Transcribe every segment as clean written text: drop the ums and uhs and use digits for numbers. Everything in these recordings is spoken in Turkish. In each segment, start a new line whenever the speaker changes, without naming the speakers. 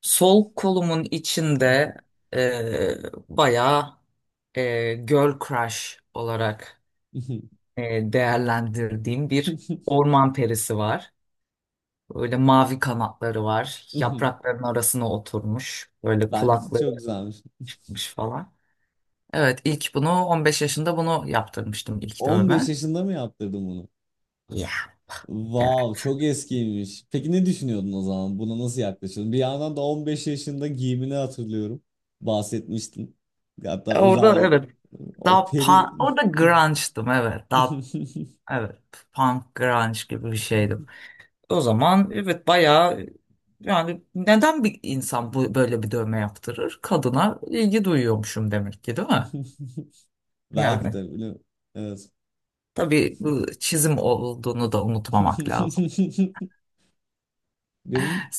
Sol kolumun içinde e, bayağı girl crush olarak değerlendirdiğim bir orman perisi var. Böyle mavi kanatları var. Yaprakların arasına oturmuş. Böyle
Bence
kulakları
çok güzelmiş.
varmış falan. Evet ilk bunu 15 yaşında bunu yaptırmıştım ilk
15
dövme.
yaşında mı yaptırdın bunu?
Yeah. Evet.
Wow, çok eskiymiş. Peki ne düşünüyordun o zaman? Buna nasıl yaklaşıyordun? Bir yandan da 15 yaşında giyimini hatırlıyorum. Bahsetmiştin. Hatta
Orada
özel
evet.
o
Daha
peri.
punk, orada grunge'dım evet. Daha evet punk grunge gibi bir şeydim. O zaman evet bayağı yani neden bir insan bu böyle bir dövme yaptırır? Kadına ilgi duyuyormuşum demek ki, değil mi?
Belki
Yani
de bilmiyorum. Evet.
tabii bu çizim olduğunu da unutmamak lazım.
Benim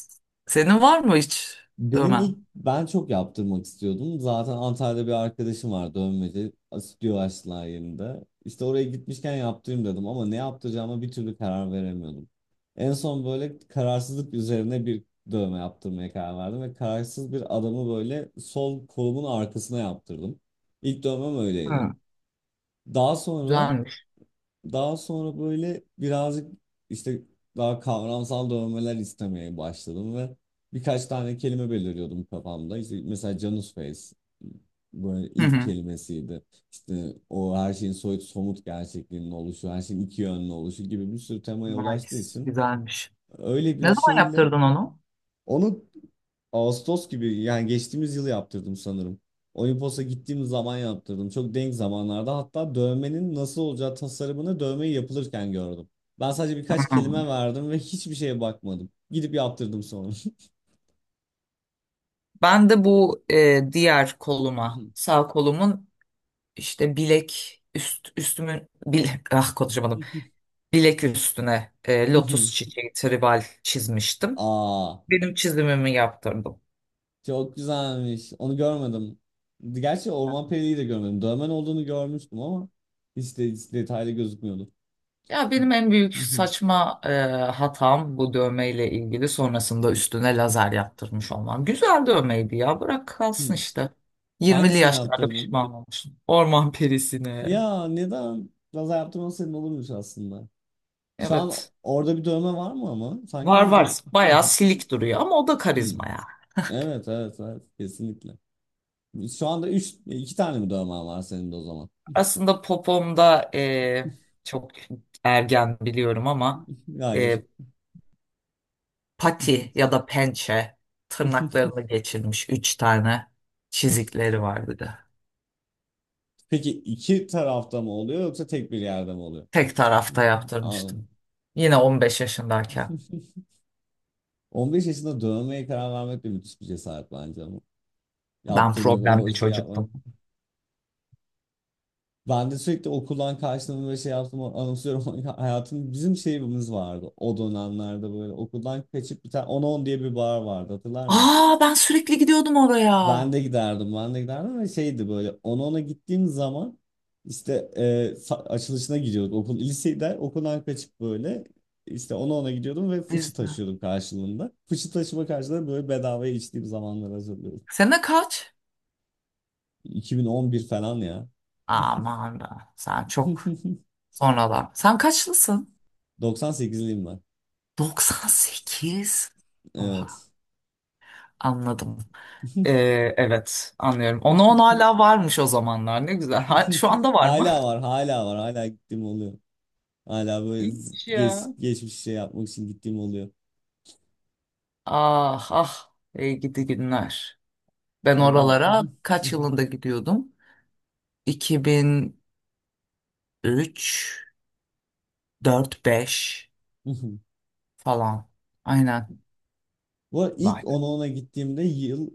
Senin var mı hiç
Benim ilk
dövmen?
ben çok yaptırmak istiyordum. Zaten Antalya'da bir arkadaşım var, dövmeci. Stüdyo açtılar yerinde. İşte oraya gitmişken yaptırayım dedim ama ne yaptıracağıma bir türlü karar veremiyordum. En son böyle kararsızlık üzerine bir dövme yaptırmaya karar verdim ve kararsız bir adamı böyle sol kolumun arkasına yaptırdım. İlk dövmem öyleydi.
Hı,
Daha sonra
güzelmiş.
daha sonra böyle birazcık işte daha kavramsal dövmeler istemeye başladım ve birkaç tane kelime belirliyordum kafamda. İşte mesela Janus Face böyle
Hı
ilk
hı.
kelimesiydi. İşte o her şeyin soyut somut gerçekliğinin oluşu, her şeyin iki yönlü oluşu gibi bir sürü temaya ulaştığı
Nice,
için
güzelmiş.
öyle
Ne
bir
zaman
şeyle
yaptırdın onu?
onu Ağustos gibi, yani geçtiğimiz yıl yaptırdım sanırım. Olimpos'a gittiğim zaman yaptırdım. Çok denk zamanlarda, hatta dövmenin nasıl olacağı tasarımını dövmeyi yapılırken gördüm. Ben sadece birkaç kelime
Hı.
verdim ve hiçbir şeye bakmadım. Gidip yaptırdım sonra.
Ben de bu diğer koluma, sağ kolumun işte bilek üst üstümün bilek ah konuşamadım. Bilek üstüne lotus çiçeği tribal çizmiştim.
Aa,
Benim çizimimi yaptırdım.
çok güzelmiş. Onu görmedim. Gerçi Orman Perili'yi de görmedim. Dövmen olduğunu görmüştüm ama hiç detaylı gözükmüyordu.
Ya benim en büyük saçma hatam bu dövmeyle ilgili sonrasında üstüne lazer yaptırmış olmam. Güzel dövmeydi ya, bırak kalsın işte. Yirmili
Hangisine
yaşlarda
yaptırdın?
pişman olmuşum. Orman perisine.
Ya neden? Biraz yaptırman senin olurmuş aslında. Şu an
Evet.
orada bir dövme var mı ama? Sanki
Var var
orada...
bayağı silik duruyor ama o da
Hmm.
karizma ya.
Evet, evet, evet, kesinlikle. Şu anda üç, iki tane mi dövme var senin de o zaman?
Aslında popomda çok ergen biliyorum ama
Hayır.
e, pati ya da pençe tırnaklarını geçirmiş üç tane çizikleri var bir de.
Peki iki tarafta mı oluyor yoksa tek bir yerde mi oluyor?
Tek tarafta
Anladım.
yaptırmıştım. Yine 15 yaşındayken.
15 yaşında dövmeye karar vermek de müthiş bir cesaret bence ama.
Ben
Yaptırmak, o
problemli
işi yapmak.
çocuktum.
Ben de sürekli okuldan kaçtığımı ve şey yaptığımı anımsıyorum. Hayatım, bizim şeyimiz vardı o dönemlerde, böyle okuldan kaçıp, bir tane on on diye bir bar vardı, hatırlar mısın?
Aa ben sürekli gidiyordum oraya.
Ben de giderdim, ben de giderdim ve şeydi, böyle on ona gittiğim zaman işte, açılışına gidiyorduk. Okul, lisede okuldan kaçıp böyle işte 10 ona gidiyordum ve fıçı
Biz de.
taşıyordum karşılığında. Fıçı taşıma karşılığında böyle bedavaya içtiğim zamanları hatırlıyorum.
Sene kaç?
2011 falan ya.
Aman da sen çok sonralar. Sen kaçlısın?
Doksan sekizliyim ben.
98. Oha
Evet.
anladım. Ee, evet anlıyorum. Ona on hala varmış o zamanlar, ne güzel. Şu anda var mı?
Hala var, hala var. Hala gittiğim oluyor. Hala böyle
İyiymiş ya.
geçmiş şey yapmak için gittiğim oluyor.
Ah ah, ey gidi günler. Ben
Ve ben
oralara kaç yılında gidiyordum? 2003, 4, 5 falan. Aynen.
bu arada
Vay.
ilk ona gittiğimde yıl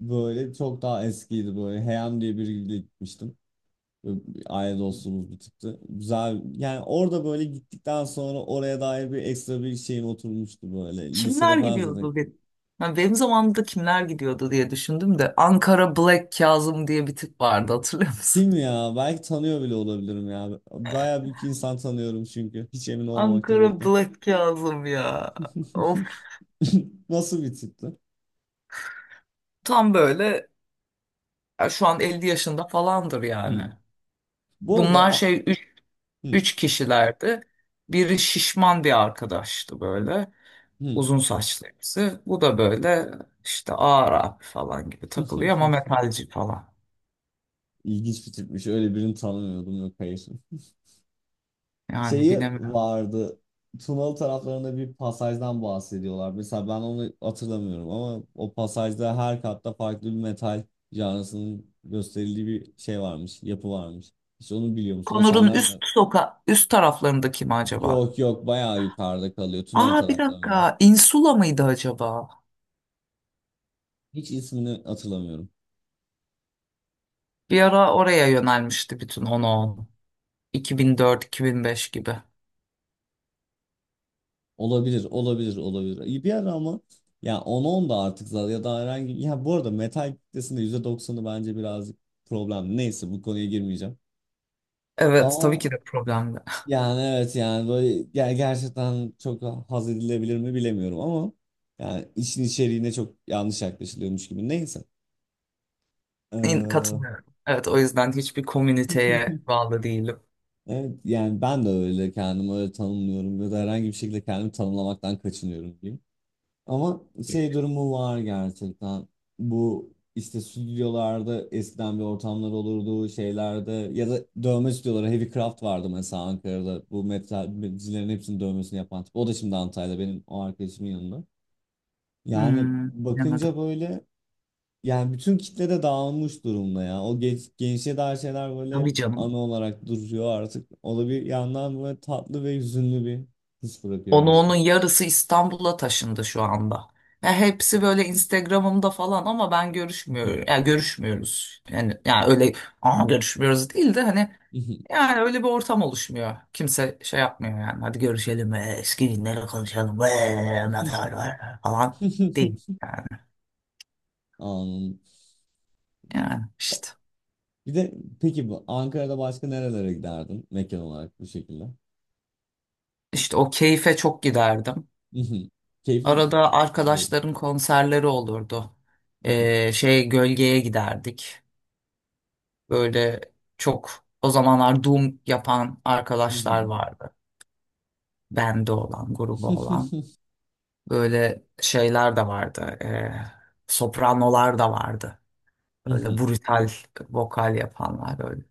böyle çok daha eskiydi böyle. Heyam diye biriyle gitmiştim. Böyle bir aile dostluğumuz bir tıktı. Güzel. Yani orada böyle gittikten sonra oraya dair bir ekstra bir şeyim oturmuştu böyle.
Kimler
Lisede falan zaten.
gidiyordu benim? Ha, benim zamanımda kimler gidiyordu diye düşündüm de Ankara Black Kazım diye bir tip vardı, hatırlıyor musun?
Kim ya? Belki tanıyor bile olabilirim ya. Bayağı bir iki insan tanıyorum çünkü. Hiç emin olmamakla
Ankara
birlikte.
Black Kazım ya. Of,
Nasıl bir tipti?
tam böyle, ya şu an 50 yaşında falandır yani.
Hmm. Bu arada
Bunlar şey,
hmm,
üç kişilerdi. Biri şişman bir arkadaştı böyle.
hmm.
Uzun saçlı birisi. Bu da böyle işte ağır abi falan gibi takılıyor ama metalci falan.
İlginç bir tipmiş. Öyle birini tanımıyordum. Yok, hayır.
Yani
Şeyi
bilemiyorum.
vardı. Tunalı taraflarında bir pasajdan bahsediyorlar. Mesela ben onu hatırlamıyorum ama o pasajda her katta farklı bir metal canlısının gösterildiği bir şey varmış. Yapı varmış. Hiç onu biliyor musun? O
Konur'un
senden de.
üst soka, üst taraflarında kim acaba?
Yok, yok, bayağı yukarıda kalıyor, Tunalı
Aa, bir
taraflarında.
dakika. Insula mıydı acaba?
Hiç ismini hatırlamıyorum.
Bir ara oraya yönelmişti bütün on on, 2004 2005 gibi.
Olabilir, olabilir, olabilir. İyi. Bir ara ama, ya 10-10 da artık zaten ya da herhangi, ya bu arada metal kitlesinde %90'ı bence birazcık problem. Neyse, bu konuya girmeyeceğim.
Evet tabii
Ama
ki de problemli.
yani, evet yani böyle gerçekten çok haz edilebilir mi bilemiyorum ama, yani işin içeriğine çok yanlış yaklaşılıyormuş gibi. Neyse. Ee,
Katılıyorum. Evet, o yüzden hiçbir komüniteye bağlı değilim.
evet yani ben de öyle kendimi öyle tanımlıyorum ya da herhangi bir şekilde kendimi tanımlamaktan kaçınıyorum. Ama şey durumu var gerçekten. Bu işte stüdyolarda eskiden bir ortamlar olurdu şeylerde ya da dövme stüdyoları. Heavy Craft vardı mesela Ankara'da. Bu metalcilerin hepsinin dövmesini yapan tip. O da şimdi Antalya'da, benim o arkadaşımın yanında. Yani
Hmm,
bakınca
bilemedim.
böyle, yani bütün kitle de dağılmış durumda ya. O gençliğe dair şeyler böyle
Tabii
hep
canım.
ana olarak duruyor artık. O da bir yandan böyle tatlı ve hüzünlü bir his bırakıyor
Onu onun
gerçekten.
yarısı İstanbul'a taşındı şu anda. Ya hepsi böyle Instagram'ımda falan ama ben görüşmüyorum. Ya görüşmüyoruz. Yani ya öyle, aa görüşmüyoruz değil de hani, yani öyle bir ortam oluşmuyor. Kimse şey yapmıyor yani. Hadi görüşelim, eski günleri konuşalım. Neler var falan değil yani.
Anladım.
Yani işte
Bir de peki, bu Ankara'da başka nerelere giderdin mekan olarak bu şekilde?
o keyfe çok giderdim.
Mhm. Keyifli,
Arada
biliyorum.
arkadaşların konserleri olurdu.
Mhm.
Şey gölgeye giderdik. Böyle çok o zamanlar Doom yapan arkadaşlar
Mhm.
vardı. Bende olan, grubu olan. Böyle şeyler de vardı. Sopranolar da vardı. Böyle
Mhm.
brutal vokal yapanlar böyle.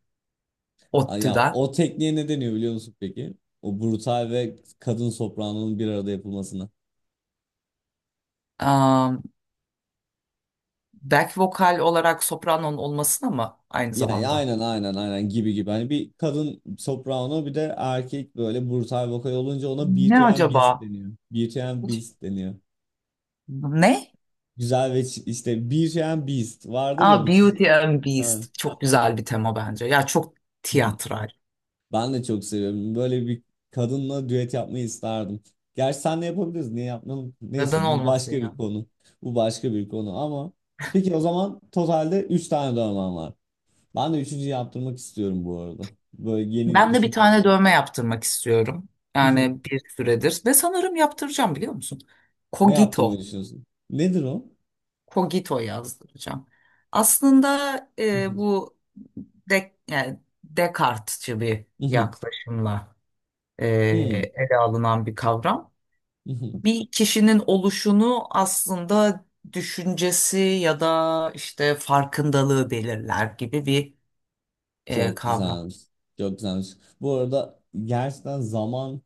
Ay, ya
ODTÜ'den.
o tekniğe ne deniyor biliyor musun peki? O brutal ve kadın sopranonun bir arada yapılmasına.
Am, back vokal olarak sopranonun olmasına mı aynı
Ya,
zamanda?
aynen, aynen, aynen, gibi gibi. Hani bir kadın soprano bir de erkek böyle brutal vokal olunca ona
Ne
Beauty and Beast
acaba?
deniyor. Beauty and
Hiç-
Beast deniyor.
Ne?
Güzel ve işte, Beauty and Beast vardır ya,
Aa,
bu çizgi.
Beauty and
Aynen.
Beast. Çok güzel bir tema bence. Ya çok tiyatral.
Ben de çok seviyorum. Böyle bir kadınla düet yapmayı isterdim. Gerçi senle yapabiliriz. Niye yapmayalım? Neyse,
Neden
bu
olmasın
başka bir
ya?
konu. Bu başka bir konu ama, peki o zaman totalde 3 tane dövmem var. Ben de 3.'ü yaptırmak istiyorum bu arada. Böyle yeni
Ben de bir tane
düşünüyorum.
dövme yaptırmak istiyorum. Yani bir süredir. Ve sanırım yaptıracağım, biliyor musun?
Ne yaptırmayı
Kogito.
düşünüyorsun? Nedir o?
Kogito yazdıracağım. Aslında e, bu yani Descartes'çi bir
Mhm,
yaklaşımla e, ele alınan bir kavram.
mhm.
Bir kişinin oluşunu aslında düşüncesi ya da işte farkındalığı belirler gibi bir
Çok
kavram.
güzelmiş. Çok güzelmiş. Bu arada gerçekten zaman.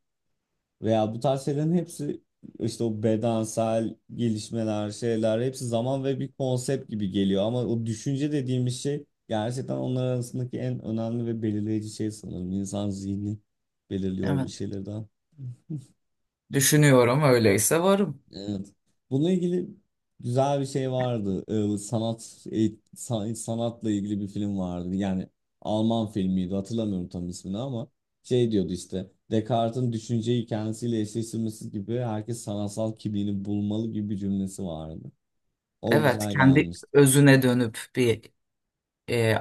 Veya bu tarz şeylerin hepsi, işte o bedensel gelişmeler, şeyler, hepsi zaman ve bir konsept gibi geliyor. Ama o düşünce dediğimiz şey gerçekten onlar arasındaki en önemli ve belirleyici şey sanırım. İnsan zihni belirliyor bir
Evet.
şeylerden.
Düşünüyorum öyleyse varım.
Evet. Bununla ilgili güzel bir şey vardı. Sanat sanatla ilgili bir film vardı. Yani Alman filmiydi. Hatırlamıyorum tam ismini ama şey diyordu işte. Descartes'in düşünceyi kendisiyle eşleştirmesi gibi herkes sanatsal kimliğini bulmalı gibi bir cümlesi vardı. O
Evet,
güzel
kendi
gelmişti.
özüne dönüp bir e,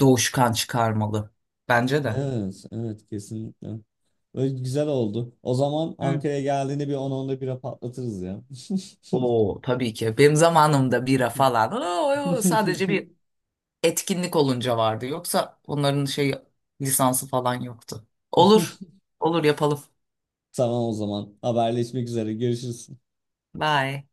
doğuşkan çıkarmalı. Bence de.
Evet, evet, kesinlikle. Böyle güzel oldu. O zaman
Hı.
Ankara'ya geldiğinde bir 10-11'e patlatırız ya.
Oo, tabii ki. Benim zamanımda bira falan sadece bir etkinlik olunca vardı. Yoksa onların şey lisansı falan yoktu. Olur. Olur yapalım.
Tamam o zaman. Haberleşmek üzere. Görüşürüz.
Bye.